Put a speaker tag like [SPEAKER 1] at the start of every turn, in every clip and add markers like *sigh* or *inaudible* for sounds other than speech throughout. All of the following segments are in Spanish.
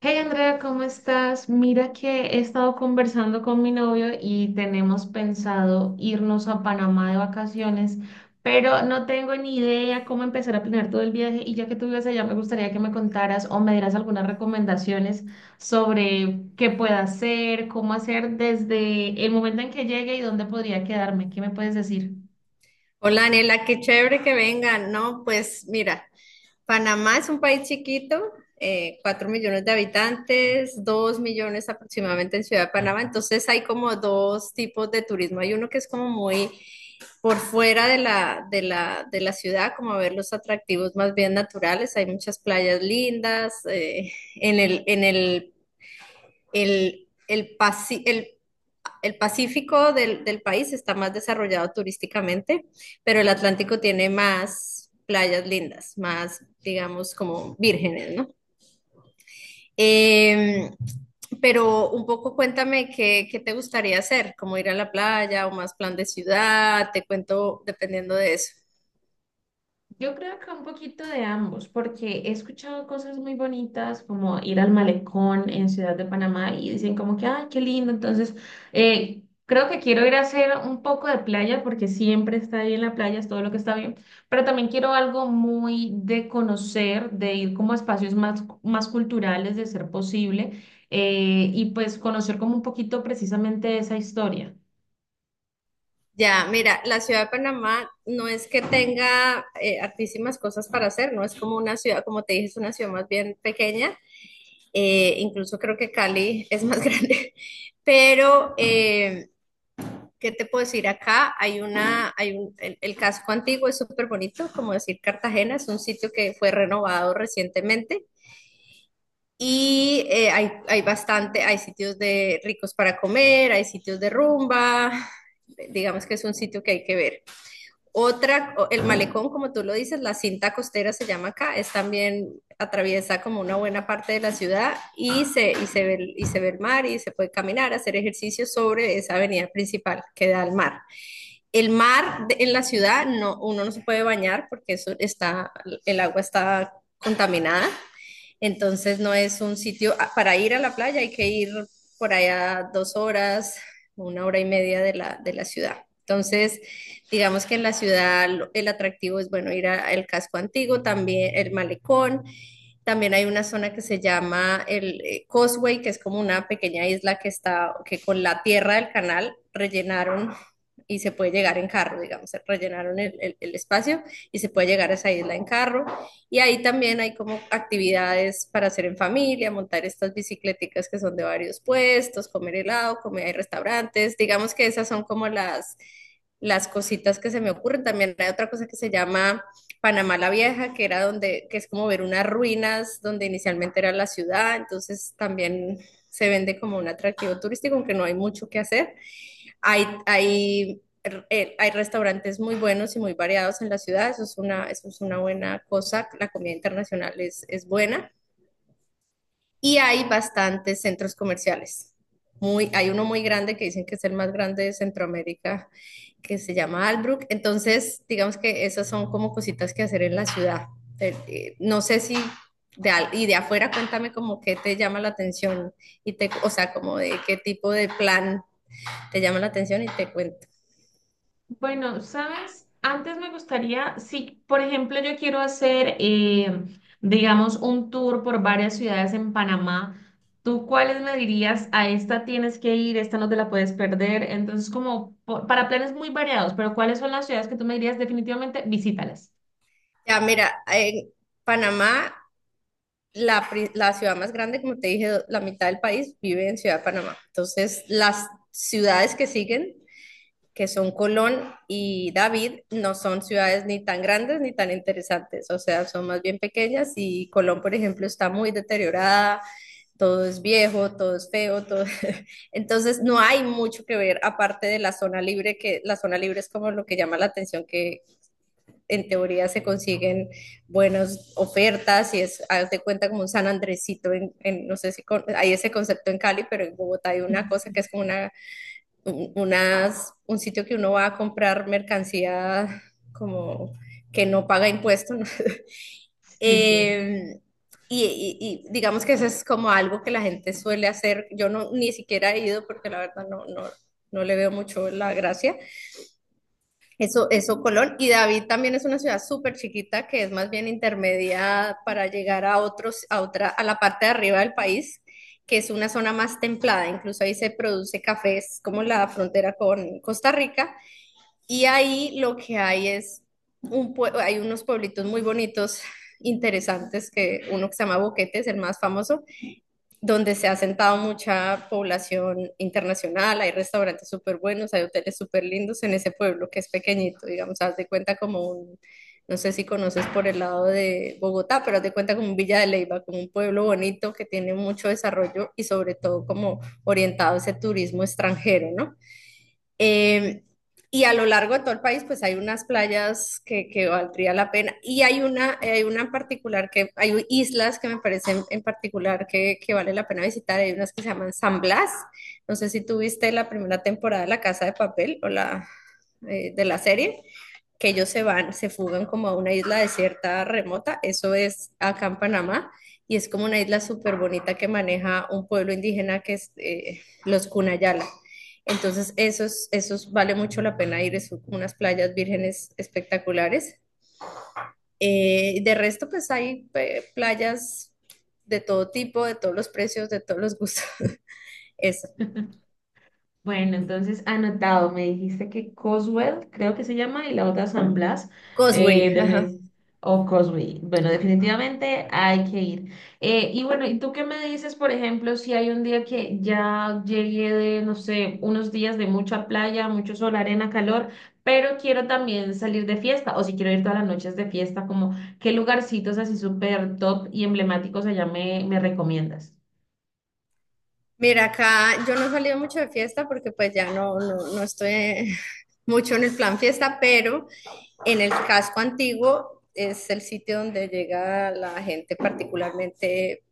[SPEAKER 1] Hey Andrea, ¿cómo estás? Mira que he estado conversando con mi novio y tenemos pensado irnos a Panamá de vacaciones, pero no tengo ni idea cómo empezar a planear todo el viaje y ya que tú vives allá me gustaría que me contaras o me dieras algunas recomendaciones sobre qué pueda hacer, cómo hacer desde el momento en que llegue y dónde podría quedarme. ¿Qué me puedes decir?
[SPEAKER 2] Hola, Anela, qué chévere que vengan. No, pues mira, Panamá es un país chiquito, 4 millones de habitantes, 2 millones aproximadamente en Ciudad de Panamá, entonces hay como dos tipos de turismo. Hay uno que es como muy por fuera de la, de la ciudad, como a ver los atractivos más bien naturales. Hay muchas playas lindas, en el, pasi- el Pacífico del país está más desarrollado turísticamente, pero el Atlántico tiene más playas lindas, más, digamos, como vírgenes, ¿no? Eh, pero un poco cuéntame qué, qué te gustaría hacer, como ir a la playa o más plan de ciudad, te cuento dependiendo de eso.
[SPEAKER 1] Yo creo que un poquito de ambos, porque he escuchado cosas muy bonitas como ir al malecón en Ciudad de Panamá y dicen como que, ay, qué lindo. Entonces, creo que quiero ir a hacer un poco de playa porque siempre está ahí en la playa, es todo lo que está bien, pero también quiero algo muy de conocer, de ir como a espacios más, más culturales de ser posible, y pues conocer como un poquito precisamente esa historia.
[SPEAKER 2] Ya, mira, la ciudad de Panamá no es que tenga hartísimas cosas para hacer, no es como una ciudad, como te dije, es una ciudad más bien pequeña. Incluso creo que Cali *laughs* es más grande, pero ¿qué te puedo decir acá? Hay una, hay un, el casco antiguo es súper bonito, como decir Cartagena, es un sitio que fue renovado recientemente y hay bastante, hay sitios de ricos para comer, hay sitios de rumba, digamos que es un sitio que hay que ver. Otra, el malecón, como tú lo dices, la cinta costera se llama acá, es también, atraviesa como una buena parte de la ciudad y se ve el mar y se puede caminar, hacer ejercicio sobre esa avenida principal que da al mar. En la ciudad, no, uno no se puede bañar porque eso está, el agua está contaminada. Entonces no es un sitio. Ah, para ir a la playa hay que ir por allá 2 horas, una hora y media de la ciudad. Entonces, digamos que en la ciudad el atractivo es, bueno, ir al casco antiguo, también el malecón. También hay una zona que se llama el Causeway, que es como una pequeña isla que está, que con la tierra del canal rellenaron y se puede llegar en carro, digamos, rellenaron el espacio y se puede llegar a esa isla en carro. Y ahí también hay como actividades para hacer en familia, montar estas bicicleticas que son de varios puestos, comer helado, comer en restaurantes. Digamos que esas son como las cositas que se me ocurren. También hay otra cosa que se llama Panamá la Vieja, que es como ver unas ruinas donde inicialmente era la ciudad. Entonces también se vende como un atractivo turístico, aunque no hay mucho que hacer. Hay, hay, Hay restaurantes muy buenos y muy variados en la ciudad, eso es una buena cosa, la comida internacional es buena y hay bastantes centros comerciales. Hay uno muy grande que dicen que es el más grande de Centroamérica, que se llama Albrook. Entonces, digamos que esas son como cositas que hacer en la ciudad. No sé si y de afuera cuéntame como qué te llama la atención y te, o sea, como de qué tipo de plan te llama la atención y te cuento.
[SPEAKER 1] Bueno, ¿sabes? Antes me gustaría, si por ejemplo yo quiero hacer, digamos, un tour por varias ciudades en Panamá, ¿tú cuáles me dirías? A esta tienes que ir, esta no te la puedes perder. Entonces, para planes muy variados, pero ¿cuáles son las ciudades que tú me dirías definitivamente visítalas?
[SPEAKER 2] Ya, mira, en Panamá, la ciudad más grande, como te dije, la mitad del país vive en Ciudad de Panamá. Entonces, las ciudades que siguen, que son Colón y David, no son ciudades ni tan grandes ni tan interesantes. O sea, son más bien pequeñas y Colón, por ejemplo, está muy deteriorada. Todo es viejo, todo es feo, todo... *laughs* Entonces no hay mucho que ver aparte de la zona libre, que la zona libre es como lo que llama la atención, que en teoría se consiguen buenas ofertas y es, hazte cuenta como un San Andresito, no sé si con, hay ese concepto en Cali, pero en Bogotá hay una cosa que es
[SPEAKER 1] *laughs*
[SPEAKER 2] como un sitio que uno va a comprar mercancía como que no paga impuestos, ¿no? *laughs*
[SPEAKER 1] Sí, sí.
[SPEAKER 2] Eh, y, digamos que eso es como algo que la gente suele hacer. Yo no, ni siquiera he ido porque la verdad no le veo mucho la gracia, eso, Colón. Y David también es una ciudad súper chiquita que es más bien intermedia para llegar a otros, a otra, a la parte de arriba del país, que es una zona más templada. Incluso ahí se produce café, es como la frontera con Costa Rica. Y ahí lo que hay es hay unos pueblitos muy bonitos, interesantes, que uno que se llama Boquete es el más famoso, donde se ha sentado mucha población internacional, hay restaurantes súper buenos, hay hoteles súper lindos en ese pueblo que es pequeñito. Digamos, haz de cuenta como un, no sé si conoces por el lado de Bogotá, pero haz de cuenta como un Villa de Leyva, como un pueblo bonito que tiene mucho desarrollo y sobre todo como orientado a ese turismo extranjero, ¿no? Eh, y a lo largo de todo el país, pues hay unas playas que valdría la pena. Y hay una en particular que, hay islas que me parecen en particular que vale la pena visitar. Hay unas que se llaman San Blas. No sé si tuviste la primera temporada de La Casa de Papel o la de la serie, que ellos se van, se fugan como a una isla desierta remota. Eso es acá en Panamá. Y es como una isla súper bonita que maneja un pueblo indígena que es los Cunayala. Entonces, esos, esos vale mucho la pena ir, es unas playas vírgenes espectaculares. De resto, pues hay playas de todo tipo, de todos los precios, de todos los gustos. *laughs* Eso.
[SPEAKER 1] Bueno, entonces anotado, me dijiste que Coswell, creo que se llama, y la otra San Blas,
[SPEAKER 2] Causeway,
[SPEAKER 1] eh,
[SPEAKER 2] ajá.
[SPEAKER 1] defini- o Cosby. Bueno, definitivamente hay que ir. Y bueno, ¿y tú qué me dices, por ejemplo, si hay un día que ya llegué de, no sé, unos días de mucha playa, mucho sol, arena, calor, pero quiero también salir de fiesta, o si quiero ir todas las noches de fiesta, como qué lugarcitos así súper top y emblemáticos allá me recomiendas?
[SPEAKER 2] Mira, acá yo no he salido mucho de fiesta porque pues ya no estoy *laughs* mucho en el plan fiesta, pero en el casco antiguo es el sitio donde llega la gente particularmente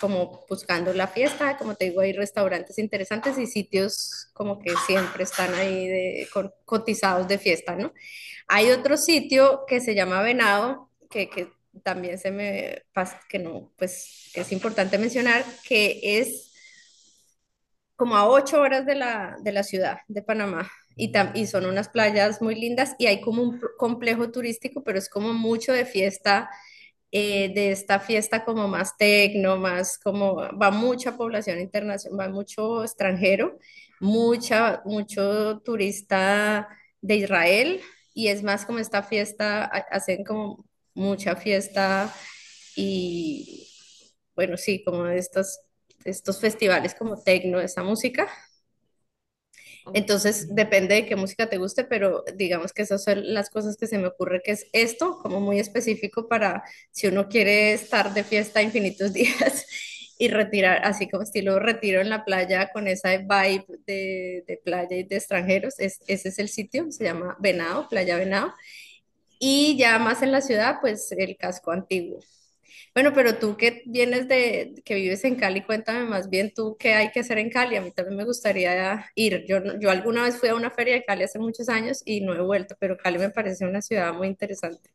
[SPEAKER 2] como buscando la fiesta, como te digo, hay restaurantes interesantes y sitios como que siempre están ahí de, con, cotizados de fiesta, ¿no? Hay otro sitio que se llama Venado, que también se me pasa, que no, pues que es importante mencionar, que es como a 8 horas de la ciudad de Panamá. Y son unas playas muy lindas y hay como complejo turístico, pero es como mucho de fiesta, de esta fiesta como más tecno, más como va mucha población internacional, va mucho extranjero, mucho turista de Israel y es más como esta fiesta, hacen como mucha fiesta y bueno, sí, como de estos festivales como tecno, esta música.
[SPEAKER 1] Ok.
[SPEAKER 2] Entonces, depende de qué música te guste, pero digamos que esas son las cosas que se me ocurre, que es esto, como muy específico para si uno quiere estar de fiesta infinitos días *laughs* y retirar, así como estilo retiro en la playa con esa vibe de playa y de extranjeros, es, ese es el sitio, se llama Venado, Playa Venado, y ya más en la ciudad, pues el casco antiguo. Bueno, pero tú que vienes de, que vives en Cali, cuéntame más bien tú qué hay que hacer en Cali. A mí también me gustaría ir. Yo, yo alguna vez fui a una feria de Cali hace muchos años y no he vuelto, pero Cali me parece una ciudad muy interesante.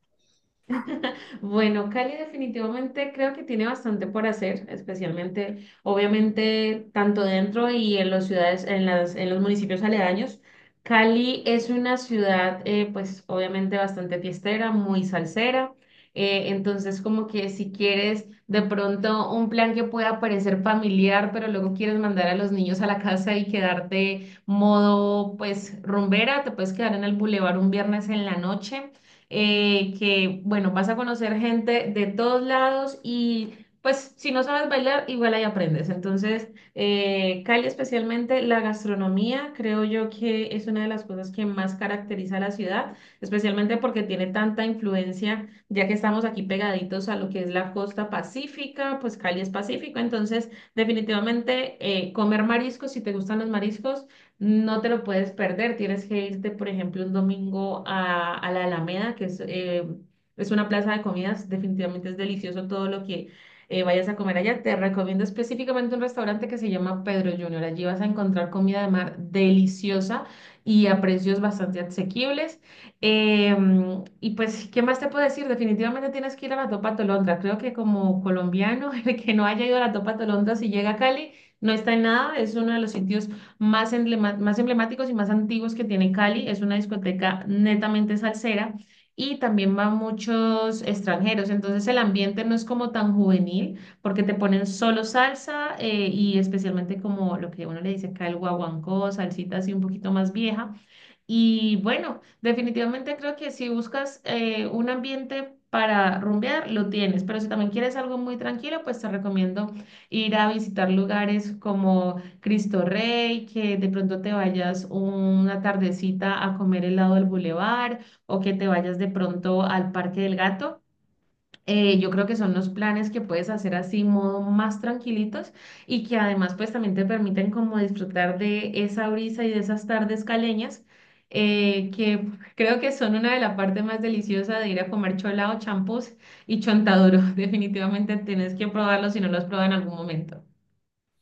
[SPEAKER 1] *laughs* Bueno, Cali definitivamente creo que tiene bastante por hacer, especialmente, obviamente, tanto dentro y en las ciudades, en los municipios aledaños. Cali es una ciudad, pues, obviamente bastante fiestera, muy salsera. Entonces, como que si quieres de pronto un plan que pueda parecer familiar, pero luego quieres mandar a los niños a la casa y quedarte modo, pues, rumbera, te puedes quedar en el bulevar un viernes en la noche, que bueno, vas a conocer gente de todos lados y pues si no sabes bailar, igual ahí aprendes. Entonces, Cali especialmente, la gastronomía, creo yo que es una de las cosas que más caracteriza a la ciudad, especialmente porque tiene tanta influencia, ya que estamos aquí pegaditos a lo que es la costa pacífica, pues Cali es pacífico, entonces definitivamente comer mariscos, si te gustan los mariscos. No te lo puedes perder. Tienes que irte, por ejemplo, un domingo a la Alameda, que es una plaza de comidas. Definitivamente es delicioso todo lo que vayas a comer allá. Te recomiendo específicamente un restaurante que se llama Pedro Junior. Allí vas a encontrar comida de mar deliciosa y a precios bastante asequibles. Y pues, ¿qué más te puedo decir? Definitivamente tienes que ir a la Topa Tolondra. Creo que como colombiano, *laughs* el que no haya ido a la Topa Tolondra, si llega a Cali, no está en nada. Es uno de los sitios más emblemáticos y más antiguos que tiene Cali. Es una discoteca netamente salsera y también van muchos extranjeros. Entonces el ambiente no es como tan juvenil porque te ponen solo salsa, y especialmente como lo que uno le dice acá el guaguancó, salsita así un poquito más vieja. Y bueno, definitivamente creo que si buscas un ambiente para rumbear, lo tienes, pero si también quieres algo muy tranquilo, pues te recomiendo ir a visitar lugares como Cristo Rey, que de pronto te vayas una tardecita a comer helado del bulevar o que te vayas de pronto al Parque del Gato. Yo creo que son los planes que puedes hacer así, modo más tranquilitos y que además pues también te permiten como disfrutar de esa brisa y de esas tardes caleñas, que creo que son una de las partes más deliciosas de ir a comer cholado, champús y chontaduro. *laughs* Definitivamente tienes que probarlo si no lo has probado en algún momento.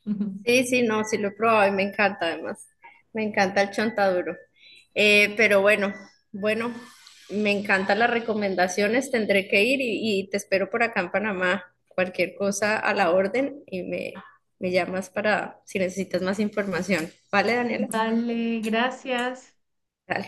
[SPEAKER 1] *laughs*
[SPEAKER 2] Sí, sí, no, sí lo he probado y me encanta además. Me encanta el chontaduro. Pero bueno, bueno, me encantan las recomendaciones. Tendré que ir y te espero por acá en Panamá. Cualquier cosa a la orden y me llamas para si necesitas más información. ¿Vale, Daniela?
[SPEAKER 1] Vale, gracias.
[SPEAKER 2] Dale.